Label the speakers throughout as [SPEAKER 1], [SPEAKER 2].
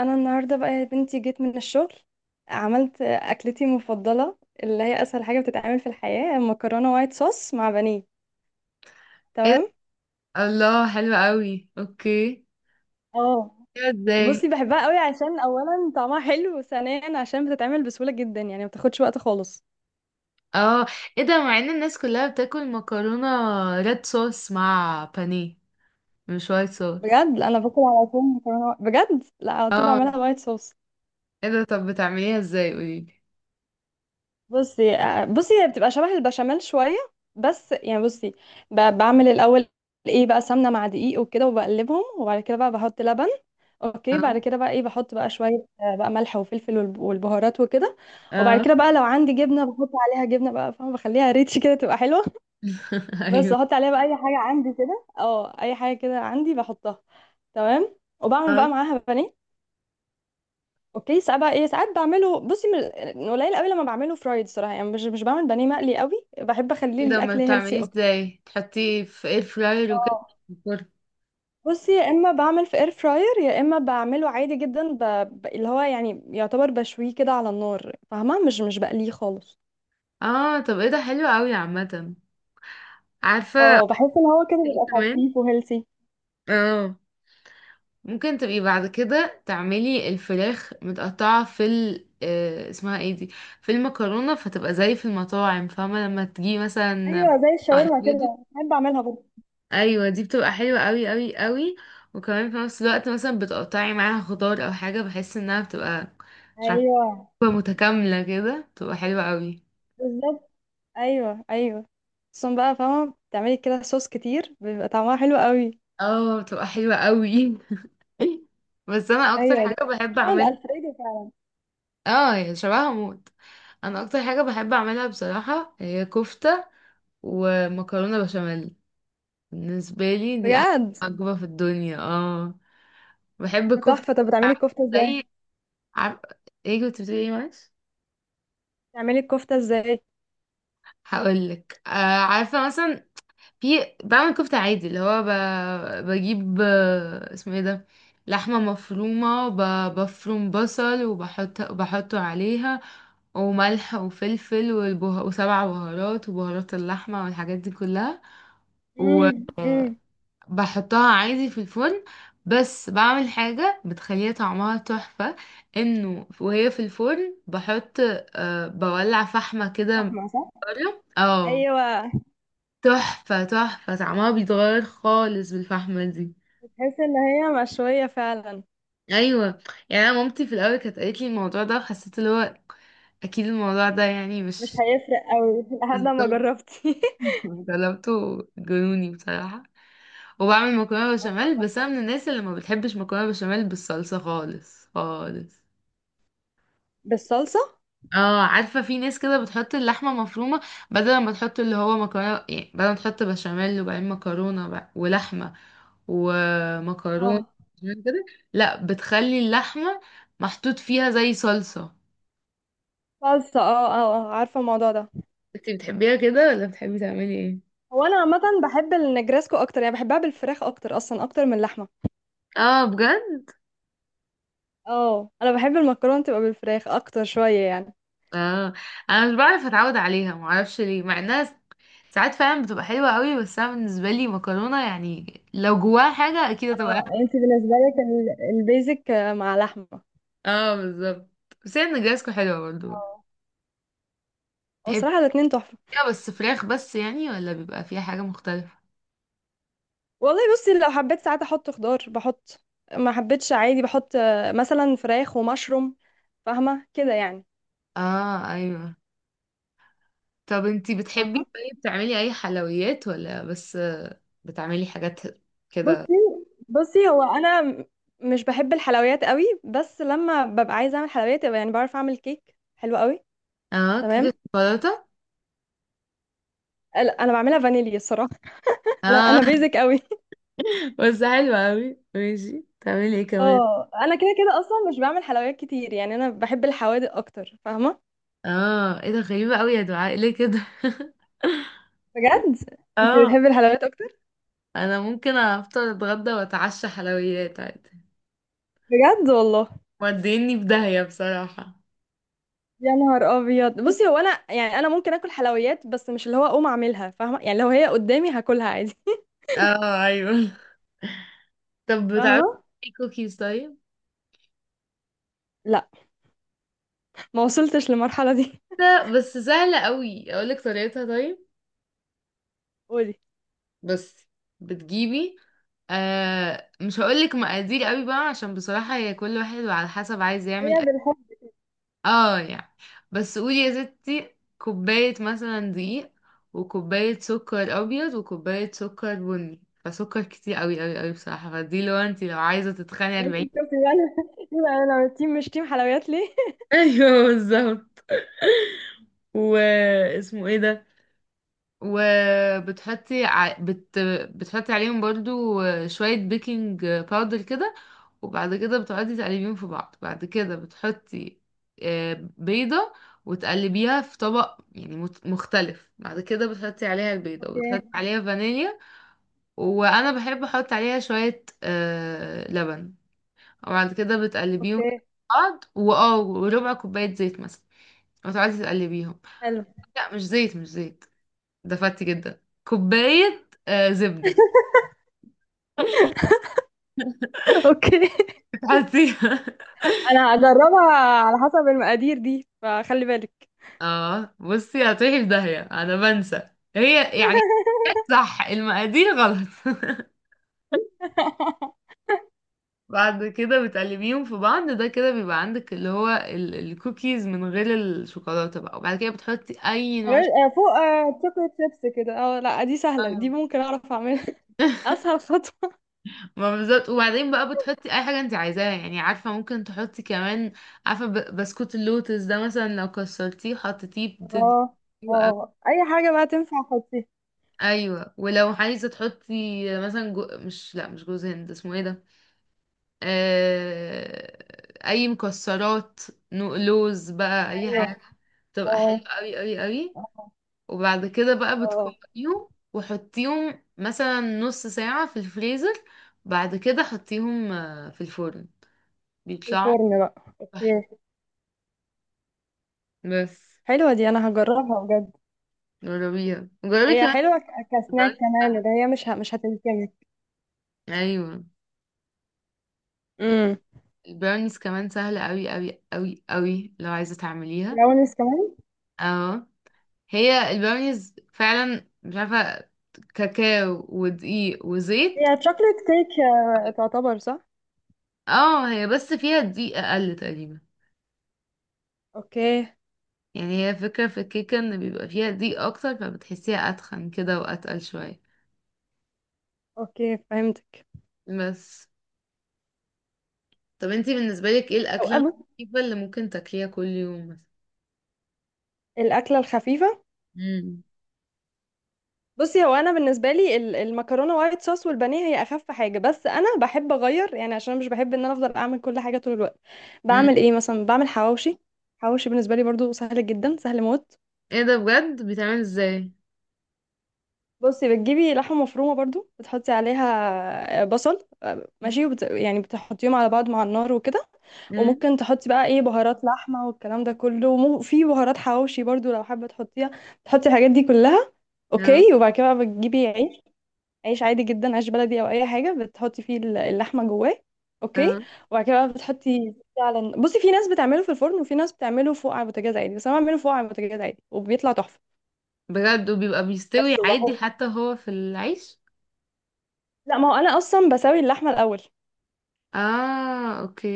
[SPEAKER 1] انا النهارده بقى يا بنتي جيت من الشغل. عملت اكلتي المفضله اللي هي اسهل حاجه بتتعمل في الحياه، مكرونه وايت صوص مع بانيه.
[SPEAKER 2] ايه ده؟
[SPEAKER 1] تمام.
[SPEAKER 2] الله حلو قوي، اوكي.
[SPEAKER 1] اه.
[SPEAKER 2] كده ازاي؟
[SPEAKER 1] بصي، بحبها قوي عشان اولا طعمها حلو، وثانيا عشان بتتعمل بسهوله جدا، يعني ما بتاخدش وقت خالص.
[SPEAKER 2] اه ايه ده؟ مع ان الناس كلها بتاكل مكرونة ريد صوص مع بانيه، مش وايت صوص.
[SPEAKER 1] بجد لا، انا باكل على طول مكرونه، بجد لا، على طول
[SPEAKER 2] اه
[SPEAKER 1] بعملها وايت صوص.
[SPEAKER 2] ايه ده؟ طب بتعمليها ازاي؟ قوليلي.
[SPEAKER 1] بصي، هي بتبقى شبه البشاميل شويه. بس يعني بصي، بعمل الاول ايه بقى، سمنه مع دقيق وكده وبقلبهم، وبعد كده بقى بحط لبن. اوكي،
[SPEAKER 2] اه.
[SPEAKER 1] بعد كده بقى ايه، بحط بقى شويه، بقى ملح وفلفل والبهارات وكده. وبعد
[SPEAKER 2] اه.
[SPEAKER 1] كده بقى لو عندي جبنه بحط عليها جبنه، بقى فاهمه، بخليها ريتش كده تبقى حلوه. بس
[SPEAKER 2] ايوه.
[SPEAKER 1] بحط عليها بقى اي حاجه عندي كده، اي حاجه كده عندي بحطها. تمام. وبعمل
[SPEAKER 2] اه.
[SPEAKER 1] بقى معاها بانيه. اوكي، ساعات بقى ايه، ساعات بعمله، بصي من قليل قوي لما بعمله فرايد، صراحه يعني مش بعمل بانيه مقلي قوي، بحب اخليه
[SPEAKER 2] ايه ده؟ ما
[SPEAKER 1] الاكل هيلسي
[SPEAKER 2] بتعمليه
[SPEAKER 1] اكتر.
[SPEAKER 2] ازاي؟ تحطيه في اير فراير وكده
[SPEAKER 1] اه.
[SPEAKER 2] في الفرن؟
[SPEAKER 1] بصي، يا اما بعمل في اير فراير يا اما بعمله عادي جدا، اللي هو يعني يعتبر بشويه كده على النار، فاهمه، مش بقليه خالص.
[SPEAKER 2] اه. طب ايه ده، حلو قوي عامة. عارفة.
[SPEAKER 1] اه. بحس ان هو كده
[SPEAKER 2] ايه
[SPEAKER 1] بيبقى
[SPEAKER 2] كمان.
[SPEAKER 1] خفيف وهيلثي.
[SPEAKER 2] اه. ممكن تبقي بعد كده تعملي الفراخ متقطعة في ال اسمها ايه دي، في المكرونة، فتبقى زي في المطاعم، فاهمة؟ لما تجي مثلا
[SPEAKER 1] ايوه، زي الشاورما
[SPEAKER 2] الفريدو.
[SPEAKER 1] كده بحب اعملها برضه.
[SPEAKER 2] ايوه، دي بتبقى حلوة قوي قوي قوي. وكمان في نفس الوقت مثلا بتقطعي معاها خضار او حاجة، بحس انها بتبقى، مش عارفة،
[SPEAKER 1] ايوه
[SPEAKER 2] بتبقى متكاملة كده، بتبقى حلوة قوي.
[SPEAKER 1] بالظبط. ايوه، ايوه. خصوصا بقى فاهمه بتعملي كده صوص كتير بيبقى طعمها حلو قوي.
[SPEAKER 2] اه، بتبقى حلوة قوي. بس انا اكتر
[SPEAKER 1] ايوه ده.
[SPEAKER 2] حاجة بحب
[SPEAKER 1] شو
[SPEAKER 2] اعملها،
[SPEAKER 1] الالفريدو.
[SPEAKER 2] اه يعني شبهها موت، انا اكتر حاجة بحب اعملها بصراحة هي كفتة ومكرونة بشاميل. بالنسبة لي دي أحلى
[SPEAKER 1] بجد.
[SPEAKER 2] وجبة في الدنيا. اه، بحب كفتة.
[SPEAKER 1] تحفة. طب بتعملي
[SPEAKER 2] عارفة؟
[SPEAKER 1] الكفتة ازاي؟
[SPEAKER 2] زي، عارف؟ ايه كنت بتقولي؟ ايه، معلش.
[SPEAKER 1] بتعملي الكفتة ازاي؟
[SPEAKER 2] هقولك. عارفة مثلا، في، بعمل كفتة عادي اللي هو بجيب، اسمه ايه ده، لحمة مفرومة، بفروم بصل وبحط بحطه عليها، وملح وفلفل والبه... وسبع بهارات وبهارات اللحمة والحاجات دي كلها و...
[SPEAKER 1] امم امم
[SPEAKER 2] بحطها عادي في الفرن، بس بعمل حاجة بتخليها طعمها تحفة، انه وهي في الفرن بحط، أه، بولع فحمة كده من
[SPEAKER 1] فاهمة صح؟
[SPEAKER 2] بره. اه،
[SPEAKER 1] ايوه.
[SPEAKER 2] تحفة، تحفة، طعمها بيتغير خالص بالفحمة دي.
[SPEAKER 1] تحس ان هي مشوية فعلا.
[SPEAKER 2] ايوه، يعني انا مامتي في الاول كانت قالت لي الموضوع ده، وحسيت اللي هو اكيد الموضوع ده يعني
[SPEAKER 1] مش
[SPEAKER 2] مش،
[SPEAKER 1] هيفرق قوي لحد ما
[SPEAKER 2] بالظبط.
[SPEAKER 1] جربتي.
[SPEAKER 2] جربته، جنوني بصراحة. وبعمل مكرونة بشاميل،
[SPEAKER 1] آه.
[SPEAKER 2] بس انا من الناس اللي ما بتحبش مكرونة بشاميل بالصلصة خالص خالص.
[SPEAKER 1] بالصلصة.
[SPEAKER 2] اه، عارفة في ناس كده بتحط اللحمة مفرومة، بدل ما تحط اللي هو مكرونة يعني، بدل ما تحط بشاميل وبعدين مكرونة بقى ولحمة ومكرونة
[SPEAKER 1] آه.
[SPEAKER 2] بشاميل كده، لا، بتخلي اللحمة محطوط فيها زي صلصة.
[SPEAKER 1] صلصة. عارفة الموضوع ده.
[SPEAKER 2] انتي بتحبيها كده ولا بتحبي تعملي ايه؟
[SPEAKER 1] هو انا عامة بحب النجرسكو اكتر، يعني بحبها بالفراخ اكتر اصلا اكتر من اللحمة.
[SPEAKER 2] اه بجد؟
[SPEAKER 1] اه، انا بحب المكرونة تبقى بالفراخ اكتر شوية يعني.
[SPEAKER 2] اه، انا مش بعرف اتعود عليها، معرفش ليه، مع انها ساعات فعلا بتبقى حلوة قوي، بس انا بالنسبة لي مكرونة يعني لو جواها حاجة اكيد هتبقى
[SPEAKER 1] اه،
[SPEAKER 2] أحلى.
[SPEAKER 1] انت بالنسبة لك البيزك، مع لحمة.
[SPEAKER 2] اه بالظبط، بس هي نجرسكو حلوة برضه.
[SPEAKER 1] آه. هو صراحة الاتنين تحفة.
[SPEAKER 2] يا بس فراخ بس يعني، ولا بيبقى فيها حاجة مختلفة.
[SPEAKER 1] والله بصي لو حبيت ساعات احط خضار بحط. ما حبيتش عادي، بحط مثلا فراخ ومشروم. فاهمه كده يعني.
[SPEAKER 2] اه ايوه. طب انتي بتحبي
[SPEAKER 1] فاهمه.
[SPEAKER 2] طيب تعملي اي حلويات، ولا بس بتعملي حاجات كده؟
[SPEAKER 1] بصي. بصي هو انا مش بحب الحلويات قوي، بس لما ببقى عايزه اعمل حلويات يبقى يعني بعرف اعمل كيك حلو قوي.
[SPEAKER 2] اه،
[SPEAKER 1] تمام.
[SPEAKER 2] كيكة شوكولاتة.
[SPEAKER 1] لا، انا بعملها فانيليا الصراحه.
[SPEAKER 2] اه.
[SPEAKER 1] انا بيزك قوي.
[SPEAKER 2] بس حلوة اوي، ماشي. تعملي ايه كمان؟
[SPEAKER 1] اه، انا كده كده اصلا مش بعمل حلويات كتير، يعني انا بحب الحوادق اكتر فاهمه.
[SPEAKER 2] اه ايه ده، غريبة اوي يا دعاء، ليه كده؟
[SPEAKER 1] بجد. انت
[SPEAKER 2] اه،
[SPEAKER 1] بتحبي الحلويات اكتر؟
[SPEAKER 2] انا ممكن افطر اتغدى واتعشى حلويات عادي.
[SPEAKER 1] بجد والله.
[SPEAKER 2] موديني في داهية بصراحة.
[SPEAKER 1] يا نهار ابيض. بصي هو انا يعني انا ممكن اكل حلويات، بس مش اللي هو اقوم اعملها فاهمه، يعني لو هي قدامي هاكلها عادي.
[SPEAKER 2] اه ايوه. طب بتعرفي
[SPEAKER 1] فاهمه.
[SPEAKER 2] تعملي كوكيز طيب؟
[SPEAKER 1] لا. ما وصلتش للمرحله دي.
[SPEAKER 2] ده بس سهلة قوي، اقولك طريقتها طيب.
[SPEAKER 1] قولي.
[SPEAKER 2] بس بتجيبي، آه، مش هقولك مقادير قوي بقى، عشان بصراحة هي كل واحد وعلى حسب عايز
[SPEAKER 1] هي
[SPEAKER 2] يعمل قد-،
[SPEAKER 1] بالحب.
[SPEAKER 2] اه يعني. بس قولي يا ستي كوباية مثلا دقيق، وكوباية سكر ابيض، وكوباية سكر بني. فسكر كتير قوي قوي قوي بصراحة، فدي لو انتي لو عايزة تتخني.
[SPEAKER 1] بس
[SPEAKER 2] 40.
[SPEAKER 1] شوفي يعني. يبقى انا تيم مش تيم حلويات ليه.
[SPEAKER 2] ايوه بالظبط. واسمه ايه ده، وبتحطي ع... بت... بتحطي عليهم برضو شوية بيكنج باودر كده، وبعد كده بتقعدي تقلبيهم في بعض. بعد كده بتحطي، بيضة، وتقلبيها في طبق يعني مختلف. بعد كده بتحطي عليها البيضة
[SPEAKER 1] اوكي.
[SPEAKER 2] وتحطي عليها فانيليا، وأنا بحب أحط عليها شوية لبن، وبعد كده بتقلبيهم
[SPEAKER 1] اوكي
[SPEAKER 2] في بعض واه وربع كوباية زيت مثلا، وتقعدي تقلبيهم.
[SPEAKER 1] حلو.
[SPEAKER 2] لا، مش زيت مش زيت، دفعتي جدا، كوباية آه زبدة
[SPEAKER 1] اوكي،
[SPEAKER 2] بتحطيها.
[SPEAKER 1] انا هجربها. على حسب المقادير دي فخلي بالك.
[SPEAKER 2] اه بصي، هتروحي في داهية انا بنسى، هي يعني، صح، المقادير غلط. بعد كده بتقلبيهم في بعض، ده كده بيبقى عندك اللي هو الكوكيز من غير الشوكولاتة بقى، وبعد كده بتحطي اي نوع
[SPEAKER 1] فوق، شوكليت شيبس كده. اه لا، دي سهله، دي
[SPEAKER 2] شوكولاتة.
[SPEAKER 1] ممكن اعرف اعملها. اسهل خطوه.
[SPEAKER 2] ما بالظبط. وبعدين بقى بتحطي اي حاجه انت عايزاها يعني، عارفه ممكن تحطي كمان، عارفه بسكوت اللوتس ده مثلا، لو كسرتيه وحطيتيه بتدي.
[SPEAKER 1] اه. اه، اي حاجه بقى تنفع حطيها.
[SPEAKER 2] ايوه. ولو عايزه تحطي مثلا، جو... مش لا مش جوز هند، اسمه ايه ده، آه، اي مكسرات، لوز بقى، اي حاجه
[SPEAKER 1] ايوه. اه،
[SPEAKER 2] تبقى حلوه قوي قوي قوي.
[SPEAKER 1] اه،
[SPEAKER 2] وبعد كده بقى
[SPEAKER 1] اه.
[SPEAKER 2] بتكوريهم وحطيهم مثلا نص ساعه في الفريزر. بعد كده حطيهم في الفرن،
[SPEAKER 1] في
[SPEAKER 2] بيطلعوا
[SPEAKER 1] الفرن بقى.
[SPEAKER 2] تحفة.
[SPEAKER 1] اوكي.
[SPEAKER 2] بس
[SPEAKER 1] حلوه دي، انا هجربها بجد.
[SPEAKER 2] جربيها، جربي
[SPEAKER 1] هي
[SPEAKER 2] كمان.
[SPEAKER 1] حلوه كسناك
[SPEAKER 2] البراونيز
[SPEAKER 1] كمان، اللي
[SPEAKER 2] سهله.
[SPEAKER 1] هي مش هتلكمك.
[SPEAKER 2] ايوه
[SPEAKER 1] امم.
[SPEAKER 2] البراونيز كمان سهله قوي قوي قوي قوي، لو عايزه تعمليها.
[SPEAKER 1] براونيز كمان.
[SPEAKER 2] اه، هي البراونيز فعلا، مش عارفة، كاكاو ودقيق وزيت.
[SPEAKER 1] هي تشوكلت كيك، تعتبر صح.
[SPEAKER 2] اه، هي بس فيها دقيق اقل تقريبا.
[SPEAKER 1] اوكي.
[SPEAKER 2] يعني هي فكرة في الكيكة ان بيبقى فيها دقيق اكتر، فبتحسيها اتخن كده واتقل شوية.
[SPEAKER 1] اوكي فهمتك.
[SPEAKER 2] بس. طب انتي بالنسبة لك ايه
[SPEAKER 1] او
[SPEAKER 2] الاكلة
[SPEAKER 1] أبو.
[SPEAKER 2] الخفيفة اللي ممكن تاكليها كل يوم مثلا؟
[SPEAKER 1] الاكله الخفيفه.
[SPEAKER 2] امم
[SPEAKER 1] بصي هو انا بالنسبه لي المكرونه وايت صوص والبانيه هي اخف حاجه، بس انا بحب اغير يعني عشان أنا مش بحب ان انا افضل اعمل كل حاجه طول الوقت.
[SPEAKER 2] امم
[SPEAKER 1] بعمل ايه مثلا؟ بعمل حواوشي. حواوشي بالنسبه لي برضو سهل جدا، سهل موت.
[SPEAKER 2] ايه ده بجد، بيتعمل ازاي؟
[SPEAKER 1] بصي بتجيبي لحمه مفرومه برضو، بتحطي عليها بصل، ماشي، يعني بتحطيهم على بعض مع النار وكده.
[SPEAKER 2] امم
[SPEAKER 1] وممكن تحطي بقى ايه بهارات لحمه والكلام ده كله، وفي بهارات حواوشي برضو لو حابه تحطيها، تحطي الحاجات دي كلها.
[SPEAKER 2] اه.
[SPEAKER 1] اوكي، وبعد كده بقى بتجيبي عيش. عيش عادي جدا، عيش بلدي او اي حاجه، بتحطي فيه اللحمه جواه. اوكي.
[SPEAKER 2] اه
[SPEAKER 1] وبعد كده بقى بتحطي فعلا، بصي في ناس بتعمله في الفرن وفي ناس بتعمله فوق على البوتاجاز عادي، بس انا بعمله فوق على البوتاجاز عادي وبيطلع تحفه.
[SPEAKER 2] بجد؟ وبيبقى بيستوي
[SPEAKER 1] بس
[SPEAKER 2] عادي
[SPEAKER 1] وبحط.
[SPEAKER 2] حتى هو في العيش؟
[SPEAKER 1] لا، ما هو انا اصلا بسوي اللحمه الاول.
[SPEAKER 2] اه اوكي.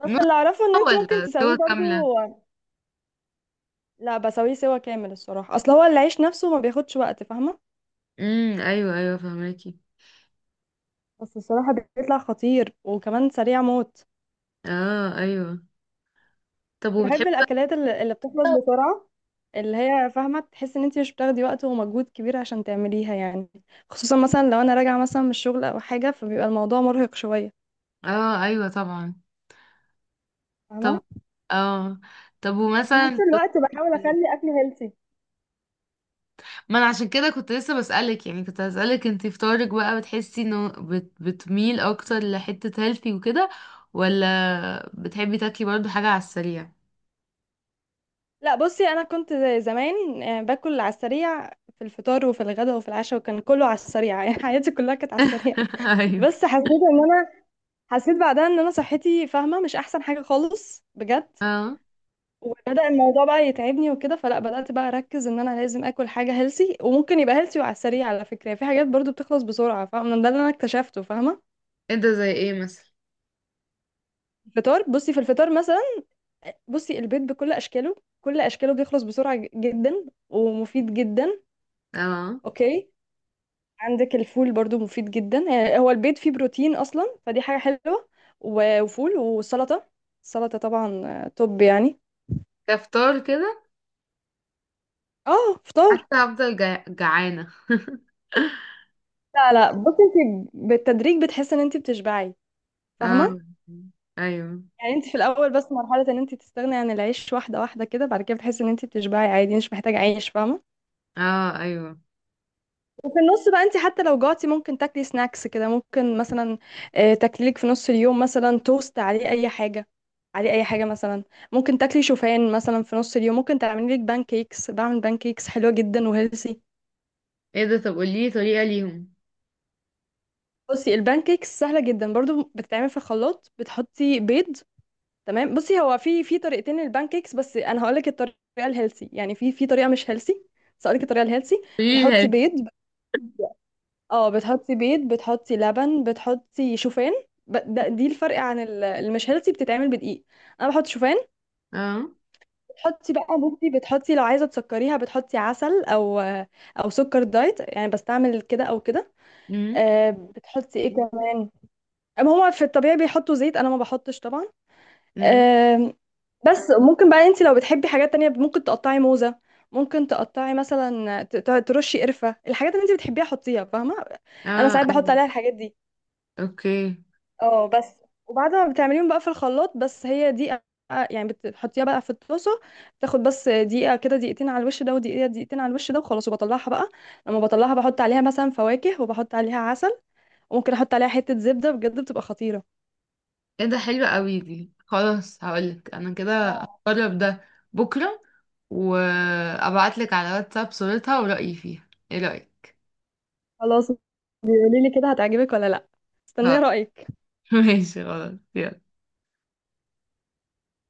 [SPEAKER 1] بس اللي اعرفه ان انت ممكن
[SPEAKER 2] ولا صور
[SPEAKER 1] تسويه برضو.
[SPEAKER 2] كاملة؟
[SPEAKER 1] لا، بسويه سوا كامل الصراحه، اصل هو العيش نفسه ما بياخدش وقت فاهمه.
[SPEAKER 2] ايوه ايوه فهماكي.
[SPEAKER 1] بس الصراحه بيطلع خطير وكمان سريع موت.
[SPEAKER 2] اه ايوه. طب وبتحبي
[SPEAKER 1] بحب
[SPEAKER 2] بقى،
[SPEAKER 1] الاكلات اللي بتخلص بسرعه، اللي هي فاهمه، تحس ان انت مش بتاخدي وقت ومجهود كبير عشان تعمليها يعني. خصوصا مثلا لو انا راجعه مثلا من الشغل او حاجه، فبيبقى الموضوع مرهق شويه.
[SPEAKER 2] اه ايوه طبعا. طب،
[SPEAKER 1] فاهمه.
[SPEAKER 2] اه، طب
[SPEAKER 1] وفي نفس
[SPEAKER 2] ومثلا
[SPEAKER 1] الوقت بحاول
[SPEAKER 2] كنت-،
[SPEAKER 1] اخلي اكلي هيلثي.
[SPEAKER 2] ما انا عشان كده كنت لسه بسألك يعني، كنت هسألك انت فطارك بقى بتحسي انه بتميل اكتر لحتة هيلثي وكده، ولا بتحبي تاكلي برضو حاجة على السريع؟
[SPEAKER 1] لا بصي، انا كنت زي زمان باكل على السريع في الفطار وفي الغداء وفي العشاء، وكان كله على السريع. يعني حياتي كلها كانت على السريع.
[SPEAKER 2] ايوه.
[SPEAKER 1] بس حسيت ان انا، حسيت بعدها ان انا صحتي فاهمه مش احسن حاجه خالص بجد.
[SPEAKER 2] اه.
[SPEAKER 1] وبدأ الموضوع بقى يتعبني وكده، فلا بدأت بقى اركز ان انا لازم اكل حاجة هيلسي، وممكن يبقى هيلسي وعلى السريع على فكرة، يعني في حاجات برضو بتخلص بسرعة فاهمة، ده اللي انا اكتشفته فاهمة.
[SPEAKER 2] انت زي ايه مثلا؟
[SPEAKER 1] الفطار، بصي في الفطار مثلا، بصي البيض بكل اشكاله، كل اشكاله بيخلص بسرعة جدا، ومفيد جدا.
[SPEAKER 2] اه،
[SPEAKER 1] اوكي. عندك الفول برضو مفيد جدا، يعني هو البيض فيه بروتين اصلا فدي حاجة حلوة. وفول وسلطة. السلطة طبعا، توب يعني.
[SPEAKER 2] كفطار كده
[SPEAKER 1] اه، فطار.
[SPEAKER 2] حتى هفضل جعانة.
[SPEAKER 1] لا، لا بصي، انت بالتدريج بتحسي ان انت بتشبعي.
[SPEAKER 2] اه
[SPEAKER 1] فاهمة.
[SPEAKER 2] ايوه.
[SPEAKER 1] يعني انت في الاول بس مرحله ان انت تستغني عن العيش، واحده واحده كده، بعد كده بتحسي ان انت بتشبعي عادي، مش محتاجه عيش فاهمه.
[SPEAKER 2] اه ايوه.
[SPEAKER 1] وفي النص بقى، انت حتى لو جعتي ممكن تاكلي سناكس كده، ممكن مثلا تاكلي لك في نص اليوم مثلا توست عليه اي حاجه، عليه اي حاجه مثلا. ممكن تاكلي شوفان مثلا في نص اليوم، ممكن تعملي لك بان كيكس، بعمل بان كيكس حلوه جدا وهيلثي.
[SPEAKER 2] ايه ده، طب قولي طريقة ليهم.
[SPEAKER 1] بصي البان كيكس سهله جدا برضو، بتتعمل في الخلاط، بتحطي بيض. تمام. بصي هو في طريقتين للبان كيكس، بس انا هقول لك الطريقه الهيلسي، يعني في طريقه مش هيلسي، بس هقول لك الطريقه الهيلسي.
[SPEAKER 2] قوليلي
[SPEAKER 1] بتحطي
[SPEAKER 2] لي.
[SPEAKER 1] بيض. بت- اه، بتحطي بيض، بتحطي لبن، بتحطي شوفان. ب- ده دي الفرق عن المش هيلسي، بتتعمل بدقيق. انا بحط شوفان.
[SPEAKER 2] اه.
[SPEAKER 1] بتحطي بقى، بصي بتحطي لو عايزه تسكريها بتحطي عسل، او سكر دايت، يعني بستعمل كده او كده.
[SPEAKER 2] امم
[SPEAKER 1] بتحطي ايه كمان. أما هما في الطبيعي بيحطوا زيت، انا ما بحطش طبعا.
[SPEAKER 2] امم
[SPEAKER 1] آمم، بس ممكن بقى انت لو بتحبي حاجات تانية ممكن تقطعي موزة، ممكن تقطعي مثلا، ترشي قرفة، الحاجات اللي انت بتحبيها حطيها فاهمة. انا
[SPEAKER 2] اه
[SPEAKER 1] ساعات بحط
[SPEAKER 2] ايوه
[SPEAKER 1] عليها الحاجات دي.
[SPEAKER 2] اوكي.
[SPEAKER 1] اه بس. وبعد ما بتعمليهم بقى في الخلاط بس هي دي، يعني بتحطيها بقى في الطاسة، تاخد بس دقيقة كده، دقيقتين على الوش ده ودقيقة دقيقتين على الوش ده، وخلاص وبطلعها بقى. لما بطلعها بحط عليها مثلا فواكه وبحط عليها عسل، وممكن احط عليها حتة زبدة بجد بتبقى خطيرة.
[SPEAKER 2] ايه ده حلو قوي، دي خلاص، هقولك انا كده
[SPEAKER 1] اه
[SPEAKER 2] هجرب ده بكرة، وابعتلك على واتساب صورتها ورأيي فيها، ايه رأيك؟
[SPEAKER 1] خلاص. بيقولي لي كده هتعجبك ولا لا. استني
[SPEAKER 2] اه.
[SPEAKER 1] رأيك.
[SPEAKER 2] ماشي خلاص، يلا.